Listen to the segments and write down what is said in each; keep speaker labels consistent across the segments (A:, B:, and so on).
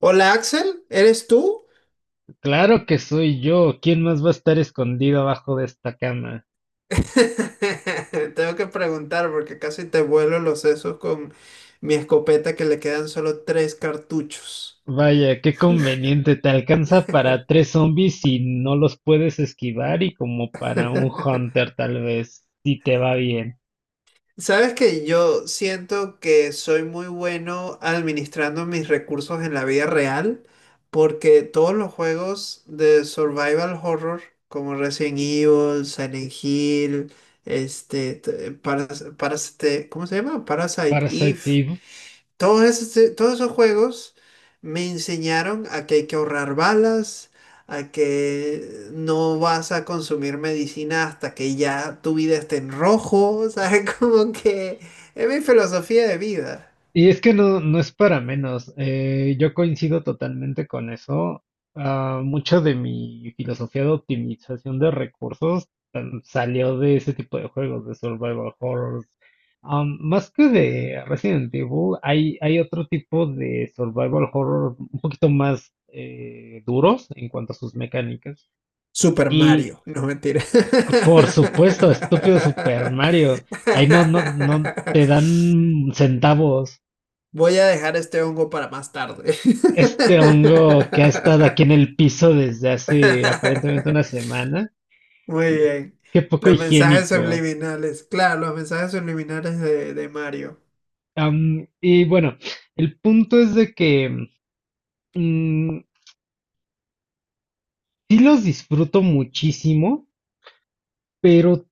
A: Hola Axel, ¿eres tú?
B: Claro que soy yo. ¿Quién más va a estar escondido abajo de esta cama?
A: Tengo que preguntar porque casi te vuelo los sesos con mi escopeta que le quedan solo tres cartuchos.
B: Vaya, qué conveniente. Te alcanza para tres zombies si no los puedes esquivar y como para un hunter tal vez, si te va bien.
A: Sabes que yo siento que soy muy bueno administrando mis recursos en la vida real porque todos los juegos de survival horror como Resident Evil, Silent Hill, ¿cómo se llama? Parasite Eve.
B: Parasite.
A: Todos esos juegos me enseñaron a que hay que ahorrar balas, a que no vas a consumir medicina hasta que ya tu vida esté en rojo, ¿sabes? Como que es mi filosofía de vida.
B: Y es que no es para menos. Yo coincido totalmente con eso. Ah, mucho de mi filosofía de optimización de recursos salió de ese tipo de juegos, de survival horrors. Más que de Resident Evil, hay otro tipo de survival horror un poquito más duros en cuanto a sus mecánicas.
A: Super
B: Y
A: Mario, no mentira.
B: por supuesto, estúpido Super Mario. Ahí no te dan centavos.
A: Voy a dejar este hongo para más tarde.
B: Este hongo que ha estado aquí en el piso desde hace aparentemente una semana.
A: Muy bien.
B: Qué poco
A: Los mensajes
B: higiénico.
A: subliminales. Claro, los mensajes subliminales de Mario.
B: Y bueno, el punto es de que mm, sí los disfruto muchísimo, pero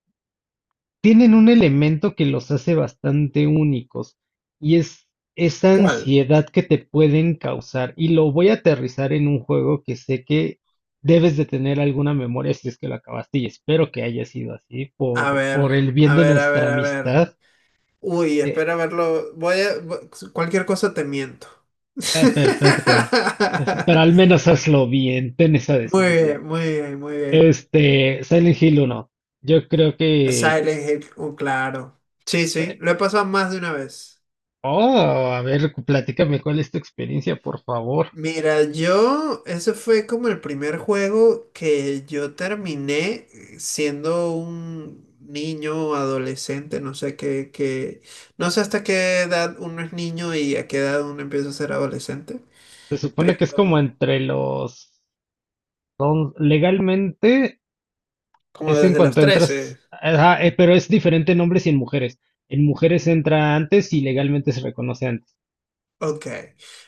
B: tienen un elemento que los hace bastante únicos, y es esa
A: ¿Cuál?
B: ansiedad que te pueden causar. Y lo voy a aterrizar en un juego que sé que debes de tener alguna memoria si es que lo acabaste, y espero que haya sido así
A: A ver,
B: por el bien
A: a
B: de
A: ver, a
B: nuestra
A: ver, a ver.
B: amistad.
A: Uy,
B: Eh,
A: espera verlo. Cualquier cosa te miento.
B: Perfecto. Pues, pero al menos hazlo bien, ten esa
A: Muy
B: decencia.
A: bien, muy bien, muy bien.
B: Este, Silent Hill 1. Yo creo que...
A: Silent Hill, oh, claro. Sí, sí,
B: eh,
A: lo he pasado más de una vez.
B: Oh, a ver, platícame cuál es tu experiencia, por favor.
A: Mira, yo, ese fue como el primer juego que yo terminé siendo un niño, adolescente, no sé qué, qué, no sé hasta qué edad uno es niño y a qué edad uno empieza a ser adolescente,
B: Se supone que es como
A: pero
B: entre los legalmente
A: como
B: es en
A: desde los
B: cuanto
A: 13.
B: entras, ajá, pero es diferente en hombres y en mujeres. En mujeres entra antes y legalmente se reconoce antes.
A: Ok.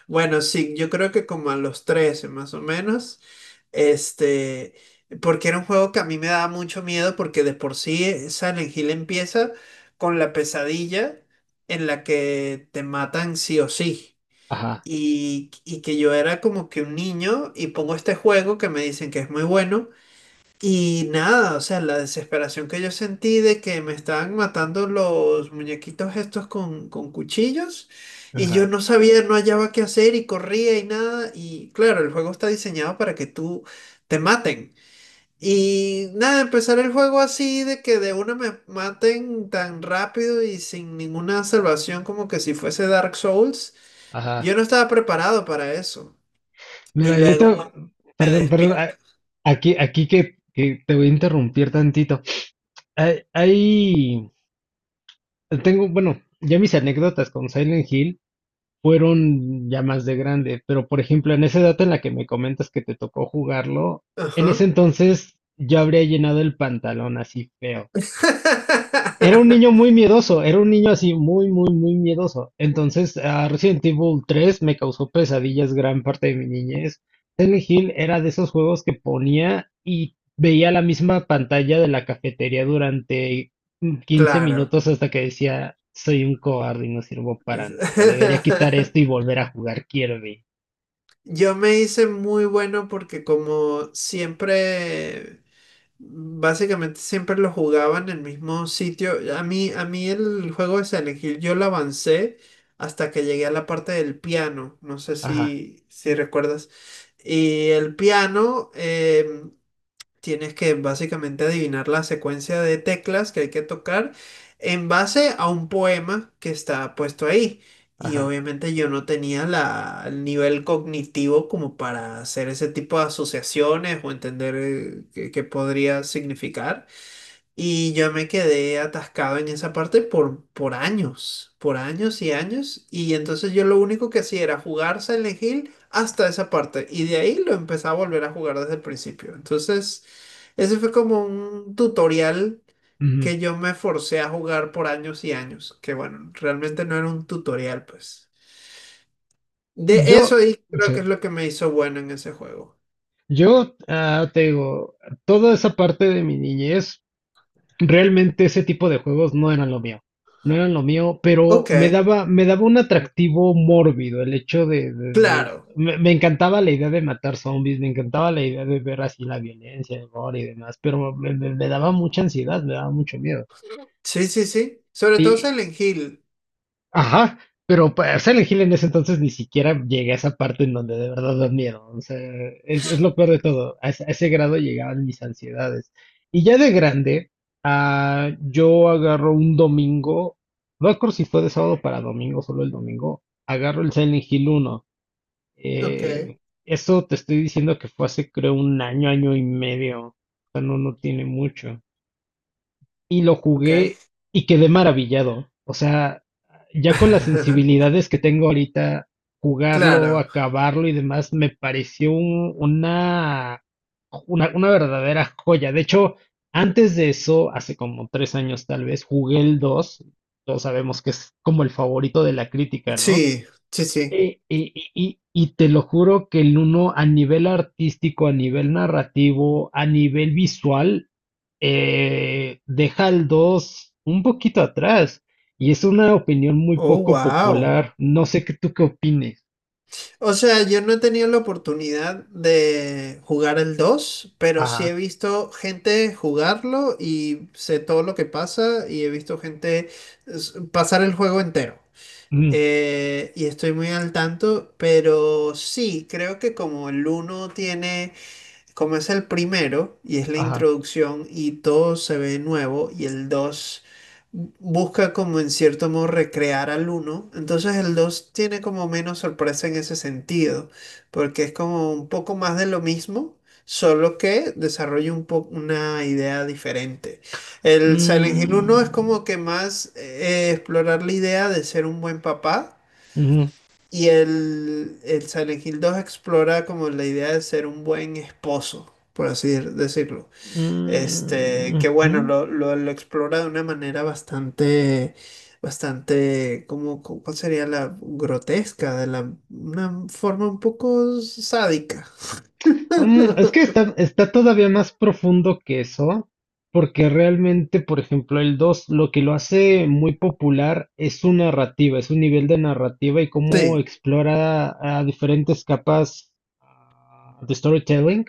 A: Bueno, sí, yo creo que como a los 13 más o menos, este, porque era un juego que a mí me daba mucho miedo porque de por sí Silent Hill empieza con la pesadilla en la que te matan sí o sí.
B: Ajá,
A: Y que yo era como que un niño y pongo este juego que me dicen que es muy bueno y nada, o sea, la desesperación que yo sentí de que me estaban matando los muñequitos estos con cuchillos y yo
B: ajá,
A: no sabía, no hallaba qué hacer y corría y nada. Y claro, el juego está diseñado para que tú te maten. Y nada, empezar el juego así de que de una me maten tan rápido y sin ninguna salvación como que si fuese Dark Souls,
B: ajá.
A: yo no estaba preparado para eso. Y
B: Mira, yo
A: luego, bueno,
B: te-
A: me
B: Perdón,
A: despierto.
B: aquí, aquí que te voy a interrumpir tantito. Hay, hay- Tengo, bueno, ya mis anécdotas con Silent Hill. Fueron ya más de grande, pero por ejemplo, en esa edad en la que me comentas que te tocó jugarlo, en ese
A: Ajá.
B: entonces yo habría llenado el pantalón así feo. Era un niño muy miedoso, era un niño así muy, muy, muy miedoso. Entonces, ah, Resident Evil 3 me causó pesadillas gran parte de mi niñez. Silent Hill era de esos juegos que ponía y veía la misma pantalla de la cafetería durante 15
A: Claro.
B: minutos hasta que decía, soy un cobarde y no sirvo para
A: Es-
B: nada. Debería quitar esto y volver a jugar Kirby.
A: Yo me hice muy bueno porque como siempre, básicamente siempre lo jugaba en el mismo sitio. A mí el juego de Silent Hill yo lo avancé hasta que llegué a la parte del piano. No sé
B: Ajá,
A: si, si recuerdas. Y el piano, tienes que básicamente adivinar la secuencia de teclas que hay que tocar en base a un poema que está puesto ahí. Y
B: ajá.
A: obviamente yo no tenía el nivel cognitivo como para hacer ese tipo de asociaciones o entender qué, qué podría significar. Y yo me quedé atascado en esa parte por años, por años y años. Y entonces yo lo único que hacía era jugar Silent Hill hasta esa parte. Y de ahí lo empecé a volver a jugar desde el principio. Entonces, ese fue como un tutorial
B: Ujú.
A: que yo me forcé a jugar por años y años. Que bueno, realmente no era un tutorial, pues. De
B: Yo,
A: eso ahí creo
B: sí,
A: que es lo que me hizo bueno en ese juego.
B: yo ah, Te digo, toda esa parte de mi niñez, realmente ese tipo de juegos no eran lo mío, no eran lo mío, pero
A: Ok,
B: me daba un atractivo mórbido el hecho
A: claro.
B: me, me encantaba la idea de matar zombies, me encantaba la idea de ver así la violencia, el gore y demás, pero me daba mucha ansiedad, me daba mucho miedo.
A: Sí, sí, sí. Sobre todo Silent Hill.
B: Ajá, pero para Silent Hill en ese entonces ni siquiera llegué a esa parte en donde de verdad da miedo. O sea, es lo peor de todo. A ese grado llegaban mis ansiedades. Y ya de grande, ah, yo agarro un domingo, no recuerdo si fue de sábado para domingo, solo el domingo, agarro el Silent Hill uno.
A: Ok,
B: Eh, Eso te estoy diciendo que fue hace creo un año, año y medio. O sea, no, no tiene mucho, y lo
A: ok.
B: jugué y quedé maravillado. O sea, ya con las sensibilidades que tengo ahorita, jugarlo,
A: Claro,
B: acabarlo y demás, me pareció una verdadera joya. De hecho, antes de eso, hace como tres años tal vez, jugué el dos. Todos sabemos que es como el favorito de la crítica, ¿no?
A: sí, sí, sí.
B: Y te lo juro que el uno a nivel artístico, a nivel narrativo, a nivel visual, deja al 2 un poquito atrás. Y es una opinión muy
A: Oh,
B: poco
A: wow.
B: popular. No sé qué tú qué opines.
A: O sea, yo no he tenido la oportunidad de jugar el 2, pero sí he
B: Ajá.
A: visto gente jugarlo y sé todo lo que pasa y he visto gente pasar el juego entero.
B: mm,
A: Y estoy muy al tanto, pero sí, creo que como el uno tiene. Como es el primero y es la
B: ajá.
A: introducción y todo se ve nuevo y el 2 busca como en cierto modo recrear al uno, entonces el 2 tiene como menos sorpresa en ese sentido, porque es como un poco más de lo mismo, solo que desarrolla una idea diferente. El Silent Hill uno es
B: mm,
A: como que más explorar la idea de ser un buen papá
B: Ujú,
A: y el Silent Hill 2 explora como la idea de ser un buen esposo, por así decirlo.
B: mm,
A: Que
B: ujú.
A: bueno, lo explora de una manera bastante, bastante, como, ¿cuál sería la grotesca? Una forma un poco sádica.
B: Mm, es que está, está todavía más profundo que eso, porque realmente, por ejemplo, el 2, lo que lo hace muy popular es su narrativa, es su nivel de narrativa y cómo
A: Sí,
B: explora a diferentes capas de storytelling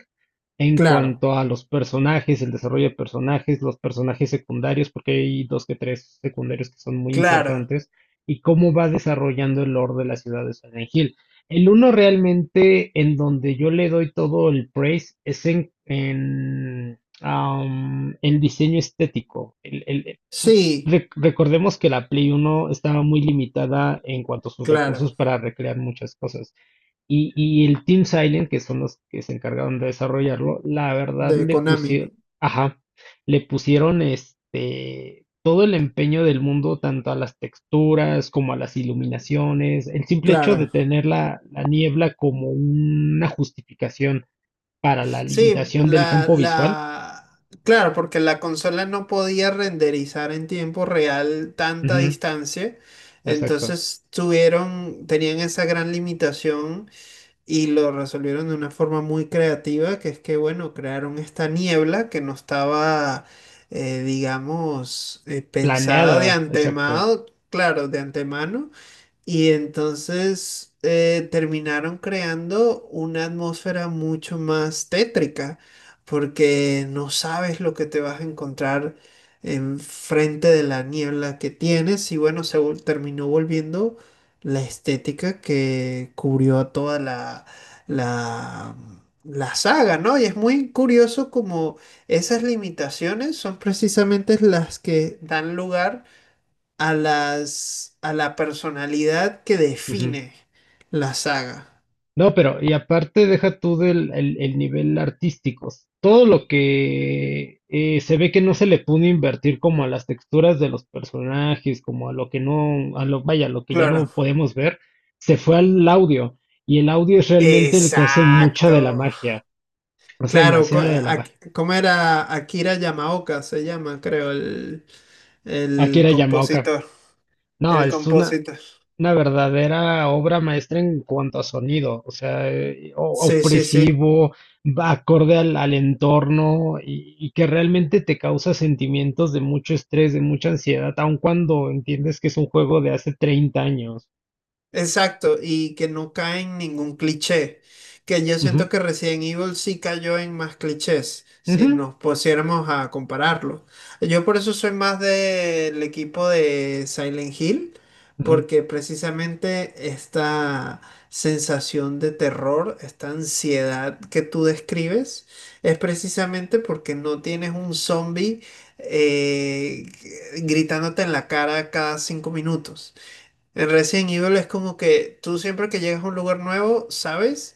B: en
A: claro,
B: cuanto a los personajes, el desarrollo de personajes, los personajes secundarios, porque hay dos que tres secundarios que son muy
A: claro,
B: importantes, y cómo va desarrollando el lore de la ciudad de Silent Hill. El uno realmente en donde yo le doy todo el praise es en el diseño estético.
A: sí,
B: Recordemos que la Play Uno estaba muy limitada en cuanto a sus
A: claro,
B: recursos para recrear muchas cosas. Y el Team Silent, que son los que se encargaron de desarrollarlo, la verdad
A: de
B: le
A: Konami,
B: pusieron, ajá, le pusieron este todo el empeño del mundo, tanto a las texturas como a las iluminaciones. El simple hecho de
A: claro.
B: tener la niebla como una justificación para la
A: Sí,
B: limitación del campo visual.
A: claro, porque la consola no podía renderizar en tiempo real tanta
B: Ujú,
A: distancia,
B: exacto.
A: entonces tenían esa gran limitación y lo resolvieron de una forma muy creativa, que es que, bueno, crearon esta niebla que no estaba, digamos, pensada de
B: Planeada, exacto.
A: antemano, claro, de antemano, y entonces terminaron creando una atmósfera mucho más tétrica, porque no sabes lo que te vas a encontrar enfrente de la niebla que tienes. Y bueno, terminó volviendo la estética que cubrió a toda la, la saga, ¿no? Y es muy curioso como esas limitaciones son precisamente las que dan lugar a a la personalidad que
B: Ujú.
A: define la saga.
B: No, pero y aparte deja tú del el nivel artístico. Todo lo que se ve que no se le pudo invertir como a las texturas de los personajes, como a lo que no, a lo, vaya, lo que ya no
A: Claro.
B: podemos ver, se fue al audio. Y el audio es realmente el que hace mucha de la
A: Exacto.
B: magia, hace
A: Claro,
B: demasiado de la magia.
A: ¿cómo era Akira Yamaoka? Se llama, creo, el,
B: Aquí
A: el
B: era Yamaoka.
A: compositor.
B: No,
A: El
B: es
A: compositor.
B: una verdadera obra maestra en cuanto a sonido, o sea,
A: Sí, sí, sí.
B: opresivo, va acorde al entorno y que realmente te causa sentimientos de mucho estrés, de mucha ansiedad, aun cuando entiendes que es un juego de hace 30 años.
A: Exacto, y que no cae en ningún cliché. Que yo
B: Ujú,
A: siento que Resident Evil sí cayó en más clichés, si
B: ujú,
A: nos pusiéramos a compararlo. Yo por eso soy más del equipo de Silent Hill,
B: ujú.
A: porque precisamente esta sensación de terror, esta ansiedad que tú describes, es precisamente porque no tienes un zombie eh, gritándote en la cara cada 5 minutos. En Resident Evil es como que tú siempre que llegas a un lugar nuevo, sabes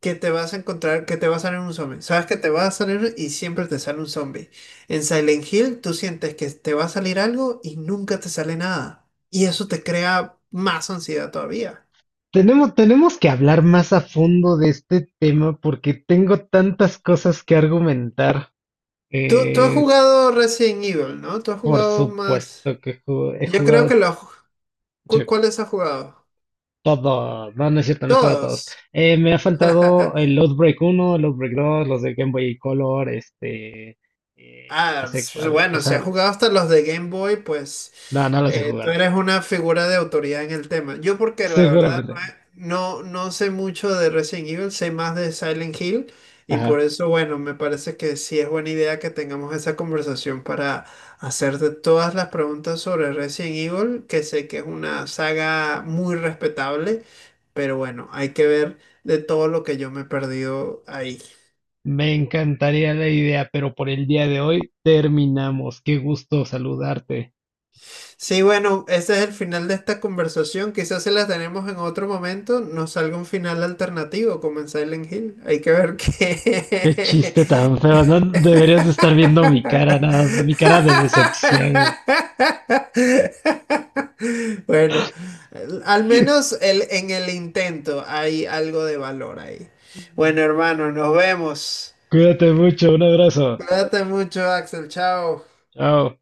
A: que te vas a encontrar, que te va a salir un zombie. Sabes que te va a salir y siempre te sale un zombie. En Silent Hill tú sientes que te va a salir algo y nunca te sale nada. Y eso te crea más ansiedad todavía.
B: Tenemos que hablar más a fondo de este tema porque tengo tantas cosas que argumentar.
A: Tú has
B: Eh,
A: jugado Resident Evil, ¿no? Tú has
B: por
A: jugado más...
B: supuesto que he
A: Yo creo que
B: jugado.
A: los... ¿Cuáles has jugado?
B: Todo, no, no es cierto, no he jugado a todos.
A: Todos.
B: Me ha faltado el Outbreak uno, el Outbreak dos, los de Game Boy Color, este, no
A: Ah,
B: sé cuál, o
A: bueno, si has
B: sea,
A: jugado hasta los de Game Boy, pues
B: no, no los he
A: tú
B: jugado,
A: eres una figura de autoridad en el tema. Yo porque la verdad
B: seguramente.
A: no, no, no sé mucho de Resident Evil, sé más de Silent Hill y por
B: Ajá.
A: eso, bueno, me parece que sí es buena idea que tengamos esa conversación para hacerte todas las preguntas sobre Resident Evil, que sé que es una saga muy respetable, pero bueno, hay que ver de todo lo que yo me he perdido ahí.
B: Me encantaría la idea, pero por el día de hoy terminamos. Qué gusto saludarte.
A: Sí, bueno, ese es el final de esta conversación. Quizás se la tenemos en otro momento, nos salga un final alternativo, como en Silent Hill. Hay que ver
B: Qué
A: qué.
B: chiste tan feo, no deberías de estar viendo mi cara, nada más, mi cara de decepción.
A: Bueno, al menos en el intento hay algo de valor ahí. Bueno, hermano, nos vemos.
B: Cuídate mucho, un abrazo.
A: Cuídate mucho, Axel. Chao.
B: Chao.